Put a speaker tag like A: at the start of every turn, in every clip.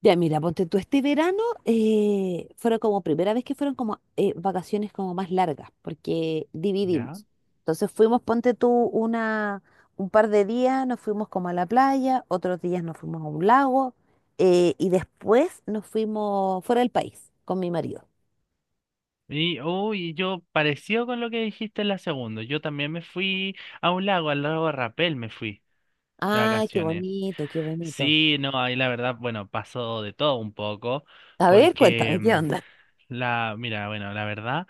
A: Ya, mira, ponte tú, este verano fueron como primera vez que fueron como vacaciones como más largas, porque
B: Ya.
A: dividimos. Entonces fuimos, ponte tú, una, un par de días, nos fuimos como a la playa, otros días nos fuimos a un lago, y después nos fuimos fuera del país con mi marido.
B: Uy, yo parecido con lo que dijiste en la segunda. Yo también me fui a un lago, al lago Rapel me fui de
A: Ay, qué
B: vacaciones.
A: bonito, qué bonito.
B: Sí, no, ahí la verdad, bueno, pasó de todo un poco,
A: A ver,
B: porque
A: cuéntame, ¿qué onda?
B: mira, bueno, la verdad,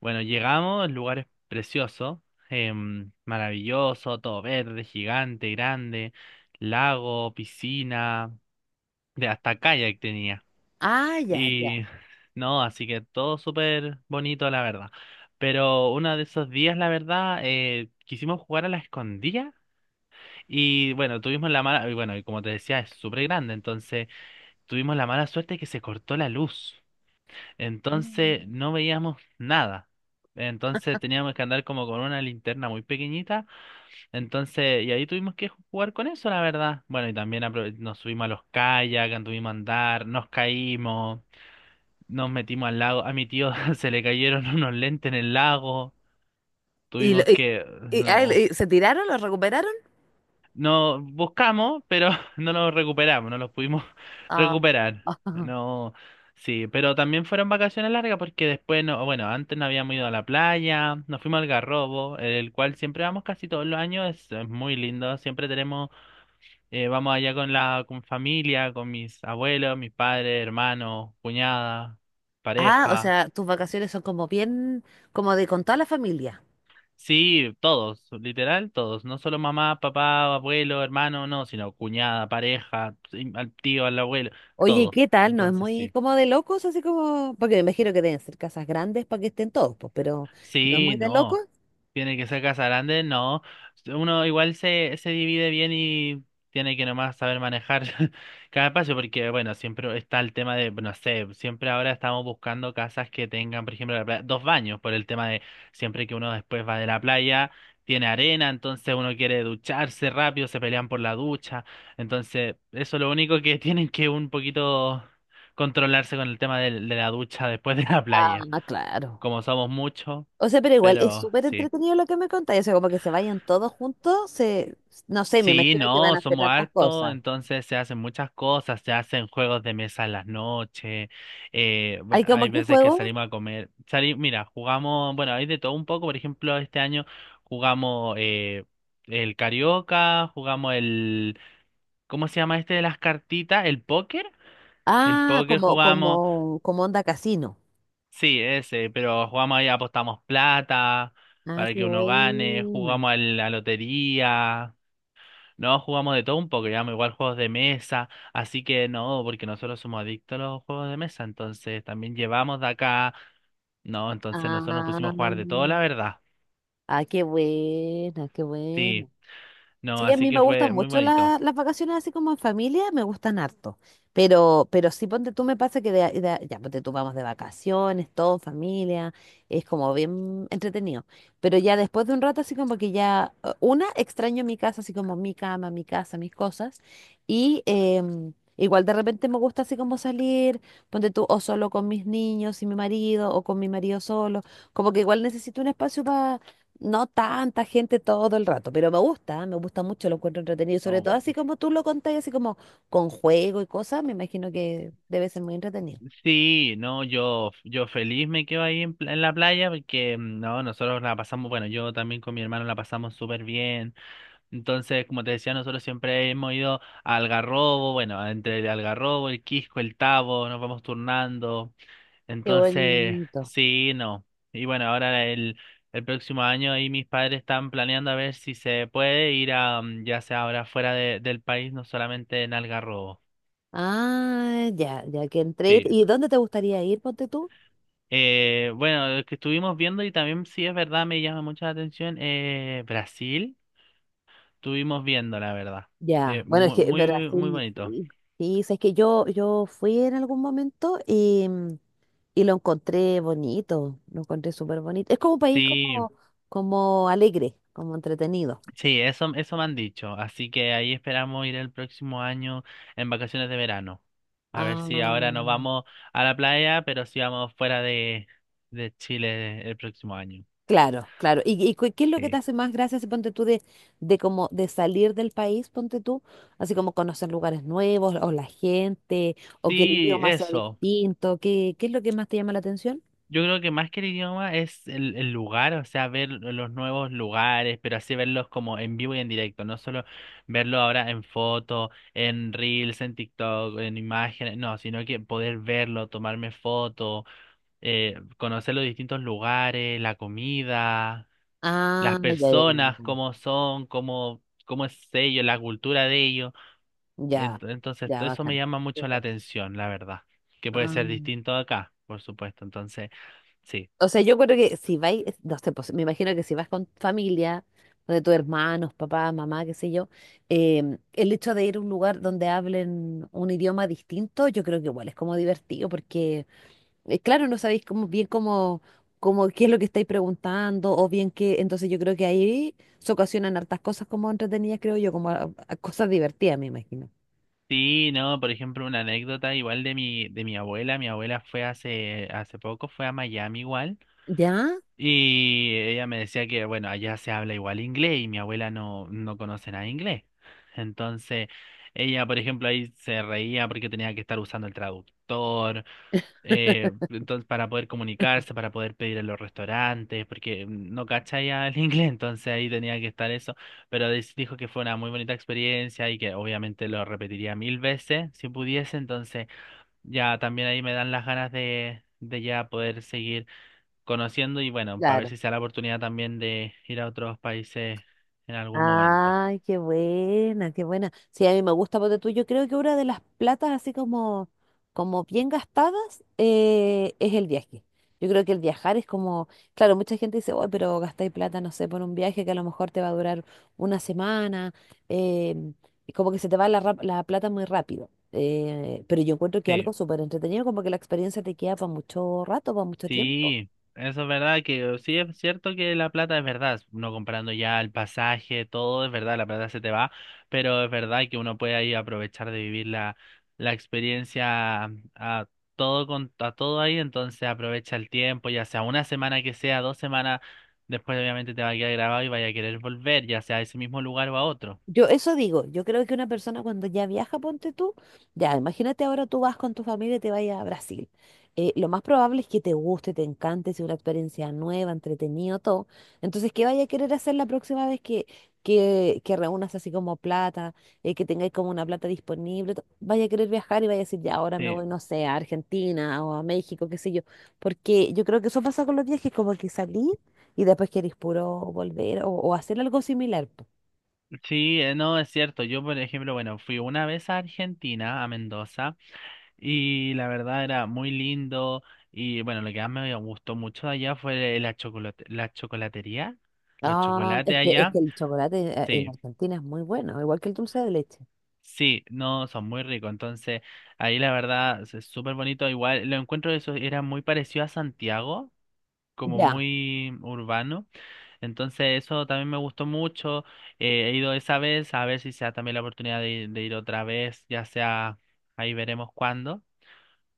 B: bueno, llegamos, el lugar es precioso, maravilloso, todo verde, gigante, grande, lago, piscina, de hasta kayak tenía.
A: Ah, ya,
B: Y
A: ya.
B: no, así que todo súper bonito, la verdad. Pero uno de esos días, la verdad, quisimos jugar a la escondida y bueno, tuvimos la mala, y bueno, y como te decía, es súper grande, entonces tuvimos la mala suerte que se cortó la luz.
A: Mm.
B: Entonces no veíamos nada. Entonces teníamos que andar como con una linterna muy pequeñita. Entonces, y ahí tuvimos que jugar con eso, la verdad. Bueno, y también nos subimos a los kayak, anduvimos a andar, nos caímos. Nos metimos al lago. A mi tío se le cayeron unos lentes en el lago.
A: ¿Y,
B: Tuvimos que... No.
A: y se tiraron? ¿Lo recuperaron?
B: No buscamos, pero no los recuperamos, no los pudimos
A: Ah.
B: recuperar. No. Sí, pero también fueron vacaciones largas porque después no, bueno, antes no habíamos ido a la playa, nos fuimos al Garrobo, el cual siempre vamos casi todos los años, es muy lindo, siempre tenemos, vamos allá con con familia, con mis abuelos, mis padres, hermanos, cuñada,
A: Ah, o
B: pareja.
A: sea, tus vacaciones son como bien, como de con toda la familia.
B: Sí, todos, literal, todos, no solo mamá, papá, abuelo, hermano, no, sino cuñada, pareja, sí, al tío, al abuelo,
A: Oye,
B: todo.
A: ¿qué tal? ¿No es
B: Entonces,
A: muy
B: sí.
A: como de locos? Así como, porque me imagino que deben ser casas grandes para que estén todos, pues, pero ¿no es muy
B: Sí,
A: de locos?
B: no. Tiene que ser casa grande, no. Uno igual se divide bien y tiene que nomás saber manejar cada espacio, porque bueno, siempre está el tema de, no sé, siempre ahora estamos buscando casas que tengan, por ejemplo, dos baños, por el tema de siempre que uno después va de la playa, tiene arena, entonces uno quiere ducharse rápido, se pelean por la ducha. Entonces, eso es lo único que tienen que un poquito controlarse con el tema de la ducha después de la
A: Ah,
B: playa.
A: claro.
B: Como somos muchos.
A: O sea, pero igual es
B: Pero
A: súper
B: sí.
A: entretenido lo que me contáis. O sea, como que se vayan todos juntos, se, no sé, me
B: Sí,
A: imagino que van
B: no,
A: a hacer
B: somos
A: tantas
B: hartos,
A: cosas.
B: entonces se hacen muchas cosas, se hacen juegos de mesa en las noches,
A: ¿Hay como
B: hay
A: qué
B: veces que
A: juego?
B: salimos a comer, mira, jugamos, bueno, hay de todo un poco, por ejemplo, este año jugamos el carioca, jugamos el, ¿cómo se llama este de las cartitas? ¿El póker? El
A: Ah,
B: póker
A: como,
B: jugamos,
A: como, como onda casino.
B: sí, ese, pero jugamos ahí, apostamos plata
A: Ah,
B: para
A: qué
B: que uno gane,
A: buena.
B: jugamos a la lotería. No, jugamos de todo un poco, llevamos igual juegos de mesa, así que no, porque nosotros somos adictos a los juegos de mesa, entonces también llevamos de acá, no, entonces nosotros nos pusimos a jugar de todo,
A: Ah,
B: la verdad,
A: ah, qué buena, qué
B: sí,
A: buena.
B: no,
A: Sí, a
B: así
A: mí me
B: que
A: gustan
B: fue muy
A: mucho
B: bonito.
A: las vacaciones así como en familia, me gustan harto. Pero sí, ponte tú, me pasa que ya, ponte tú, vamos de vacaciones, todo en familia, es como bien entretenido. Pero ya después de un rato, así como que ya, una, extraño mi casa, así como mi cama, mi casa, mis cosas. Y igual de repente me gusta así como salir, ponte tú, o solo con mis niños y mi marido, o con mi marido solo. Como que igual necesito un espacio no tanta gente todo el rato, pero me gusta mucho, lo encuentro entretenido, sobre
B: Oh,
A: todo así como tú lo contás, así como con juego y cosas, me imagino que debe ser muy entretenido.
B: sí, no, yo feliz me quedo ahí en, en la playa porque no, nosotros la pasamos, bueno, yo también con mi hermano la pasamos súper bien. Entonces, como te decía, nosotros siempre hemos ido a Algarrobo, bueno, entre el Algarrobo, el Quisco, el Tabo, nos vamos turnando.
A: Qué
B: Entonces,
A: bonito.
B: sí, no. Y bueno, ahora el próximo año ahí mis padres están planeando a ver si se puede ir a, ya sea ahora fuera del país, no solamente en Algarrobo.
A: Ah, ya, ya que entré.
B: Sí.
A: ¿Y dónde te gustaría ir, ponte tú?
B: Bueno, lo que estuvimos viendo y también sí es verdad, me llama mucho la atención, Brasil, estuvimos viendo, la verdad.
A: Ya, bueno, es que
B: Muy, muy,
A: Brasil,
B: bonito.
A: sí. Sí, es que yo fui en algún momento y, y lo encontré bonito, lo encontré súper bonito. Es como un país
B: Sí.
A: como, como alegre, como entretenido.
B: Sí, eso me han dicho. Así que ahí esperamos ir el próximo año en vacaciones de verano. A ver
A: Ah,
B: si ahora no vamos a la playa, pero si vamos fuera de Chile el próximo año.
A: claro, claro. ¿Y, qué es lo que te
B: Sí.
A: hace más gracia, si ponte tú, de como de salir del país, ponte tú, así como conocer lugares nuevos, o la gente, o que el
B: Sí,
A: idioma sea
B: eso.
A: distinto? ¿Qué, qué es lo que más te llama la atención?
B: Yo creo que más que el idioma es el lugar, o sea, ver los nuevos lugares, pero así verlos como en vivo y en directo, no solo verlo ahora en foto, en reels, en TikTok, en imágenes, no, sino que poder verlo, tomarme fotos conocer los distintos lugares, la comida, las
A: Ah, ya, ya, ya,
B: personas,
A: bacán.
B: cómo son, cómo es ellos, la cultura de ellos.
A: Ya,
B: Entonces,
A: ya,
B: todo eso me
A: bacán.
B: llama mucho la
A: Súper.
B: atención, la verdad, que puede
A: Ah,
B: ser distinto de acá, por supuesto. Entonces, sí.
A: o sea, yo creo que si vais, no sé, pues me imagino que si vas con familia, de tus hermanos, papá, mamá, qué sé yo, el hecho de ir a un lugar donde hablen un idioma distinto, yo creo que igual es como divertido porque claro, no sabéis cómo, bien cómo, cómo, qué es lo que estáis preguntando, o bien qué, entonces yo creo que ahí se ocasionan hartas cosas como entretenidas, creo yo, como a cosas divertidas, me imagino.
B: Sí, no, por ejemplo, una anécdota igual de de mi abuela. Mi abuela fue hace poco, fue a Miami igual.
A: ¿Ya?
B: Y ella me decía que, bueno, allá se habla igual inglés y mi abuela no, no conoce nada de inglés. Entonces, ella, por ejemplo, ahí se reía porque tenía que estar usando el traductor, entonces, para poder comunicarse, para poder pedir en los restaurantes, porque no cacha ya el inglés, entonces ahí tenía que estar eso. Pero dijo que fue una muy bonita experiencia y que obviamente lo repetiría mil veces si pudiese. Entonces, ya también ahí me dan las ganas de ya poder seguir conociendo y bueno, para ver
A: Claro.
B: si se da la oportunidad también de ir a otros países en algún momento.
A: Ay, qué buena, qué buena. Sí, a mí me gusta, porque tú, yo creo que una de las platas así como, como bien gastadas es el viaje. Yo creo que el viajar es como, claro, mucha gente dice, oh, pero gastáis plata, no sé, por un viaje que a lo mejor te va a durar una semana, em, y como que se te va la, la plata muy rápido. Pero yo encuentro que
B: Sí,
A: algo súper entretenido, como que la experiencia te queda para mucho rato, para mucho tiempo.
B: sí, eso es verdad que sí es cierto que la plata es verdad, uno comprando ya el pasaje, todo es verdad, la plata se te va, pero es verdad que uno puede ahí aprovechar de vivir la experiencia a todo a todo ahí, entonces aprovecha el tiempo, ya sea una semana que sea, 2 semanas, después obviamente te va a quedar grabado y vaya a querer volver, ya sea a ese mismo lugar o a otro.
A: Yo eso digo, yo creo que una persona cuando ya viaja, ponte tú, ya, imagínate ahora tú vas con tu familia y te vayas a Brasil. Lo más probable es que te guste, te encante, sea una experiencia nueva, entretenido, todo. Entonces, ¿qué vaya a querer hacer la próxima vez que reúnas así como plata, que tengáis como una plata disponible? Vaya a querer viajar y vaya a decir, ya, ahora me
B: Sí.
A: voy, no sé, a Argentina o a México, qué sé yo. Porque yo creo que eso pasa con los viajes, como que salí y después queréis puro volver o hacer algo similar.
B: Sí, no, es cierto. Yo, por ejemplo, bueno, fui una vez a Argentina, a Mendoza, y la verdad era muy lindo. Y bueno, lo que más me gustó mucho de allá fue la chocolate, la chocolatería, los
A: Ah,
B: chocolates
A: es
B: allá.
A: que el chocolate en
B: Sí,
A: Argentina es muy bueno, igual que el dulce de leche.
B: sí, no, son muy ricos. Entonces, ahí la verdad es súper bonito. Igual, lo encuentro de eso era muy parecido a Santiago, como
A: Ya,
B: muy urbano. Entonces eso también me gustó mucho. He ido esa vez, a ver si sea también la oportunidad de ir otra vez, ya sea, ahí veremos cuándo,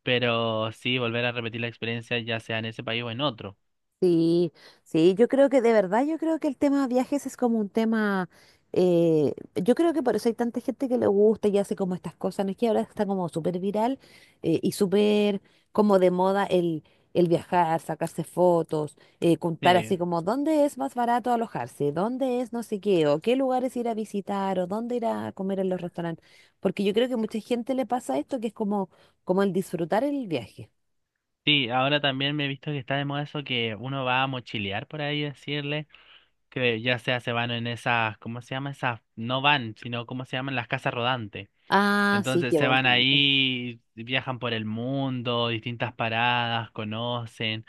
B: pero sí, volver a repetir la experiencia, ya sea en ese país o en otro.
A: sí, sí, yo creo que de verdad, yo creo que el tema viajes es como un tema, yo creo que por eso hay tanta gente que le gusta y hace como estas cosas, no es que ahora está como súper viral y súper como de moda el viajar, sacarse fotos, contar
B: Sí,
A: así como dónde es más barato alojarse, dónde es no sé qué, o qué lugares ir a visitar, o dónde ir a comer en los restaurantes, porque yo creo que mucha gente le pasa esto que es como, como el disfrutar el viaje.
B: sí, ahora también me he visto que está de moda eso que uno va a mochilear por ahí, decirle, que ya sea se van en esas, ¿cómo se llama? Esas, no van, sino ¿cómo se llaman? Las casas rodantes.
A: Ah, sí,
B: Entonces
A: qué
B: se van
A: bonito.
B: ahí, viajan por el mundo, distintas paradas, conocen.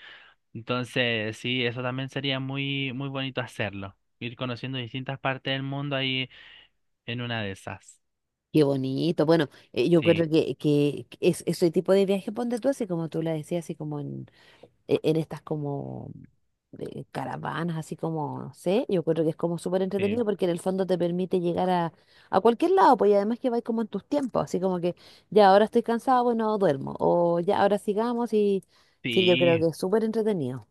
B: Entonces, sí, eso también sería muy, muy bonito hacerlo. Ir conociendo distintas partes del mundo ahí en una de esas.
A: Qué bonito. Bueno, yo
B: Sí,
A: creo que es, ese tipo de viaje, ponte tú así como tú la decías, así como en, en estas como caravanas, así como, no sé, yo creo que es como súper
B: sí,
A: entretenido porque en el fondo te permite llegar a cualquier lado, pues y además que vais como en tus tiempos, así como que ya ahora estoy cansado, bueno, duermo, o ya ahora sigamos y sí, yo creo
B: sí,
A: que es súper entretenido.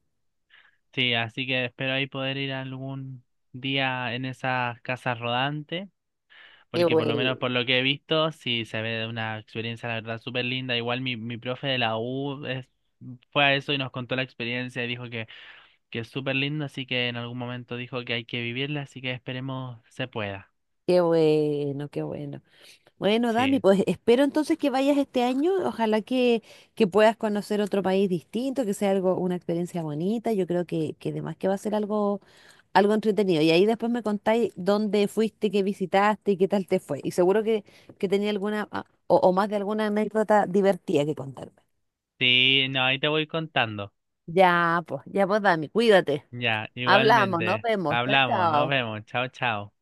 B: sí. Así que espero ahí poder ir algún día en esas casas rodantes.
A: Qué
B: Porque por
A: bueno,
B: lo menos por lo que he visto, sí se ve una experiencia, la verdad, súper linda. Igual mi profe de la U fue a eso y nos contó la experiencia y dijo que es súper lindo. Así que en algún momento dijo que hay que vivirla. Así que esperemos se pueda.
A: qué bueno, qué bueno. Bueno, Dami,
B: Sí.
A: pues espero entonces que vayas este año. Ojalá que puedas conocer otro país distinto, que sea algo, una experiencia bonita. Yo creo que además que va a ser algo, algo entretenido. Y ahí después me contáis dónde fuiste, qué visitaste y qué tal te fue. Y seguro que tenía alguna ah, o más de alguna anécdota divertida que contarme.
B: Sí, no, ahí te voy contando.
A: Ya pues, Dami, cuídate.
B: Ya,
A: Hablamos, nos
B: igualmente.
A: vemos. Chao,
B: Hablamos, nos
A: chao.
B: vemos. Chao, chao.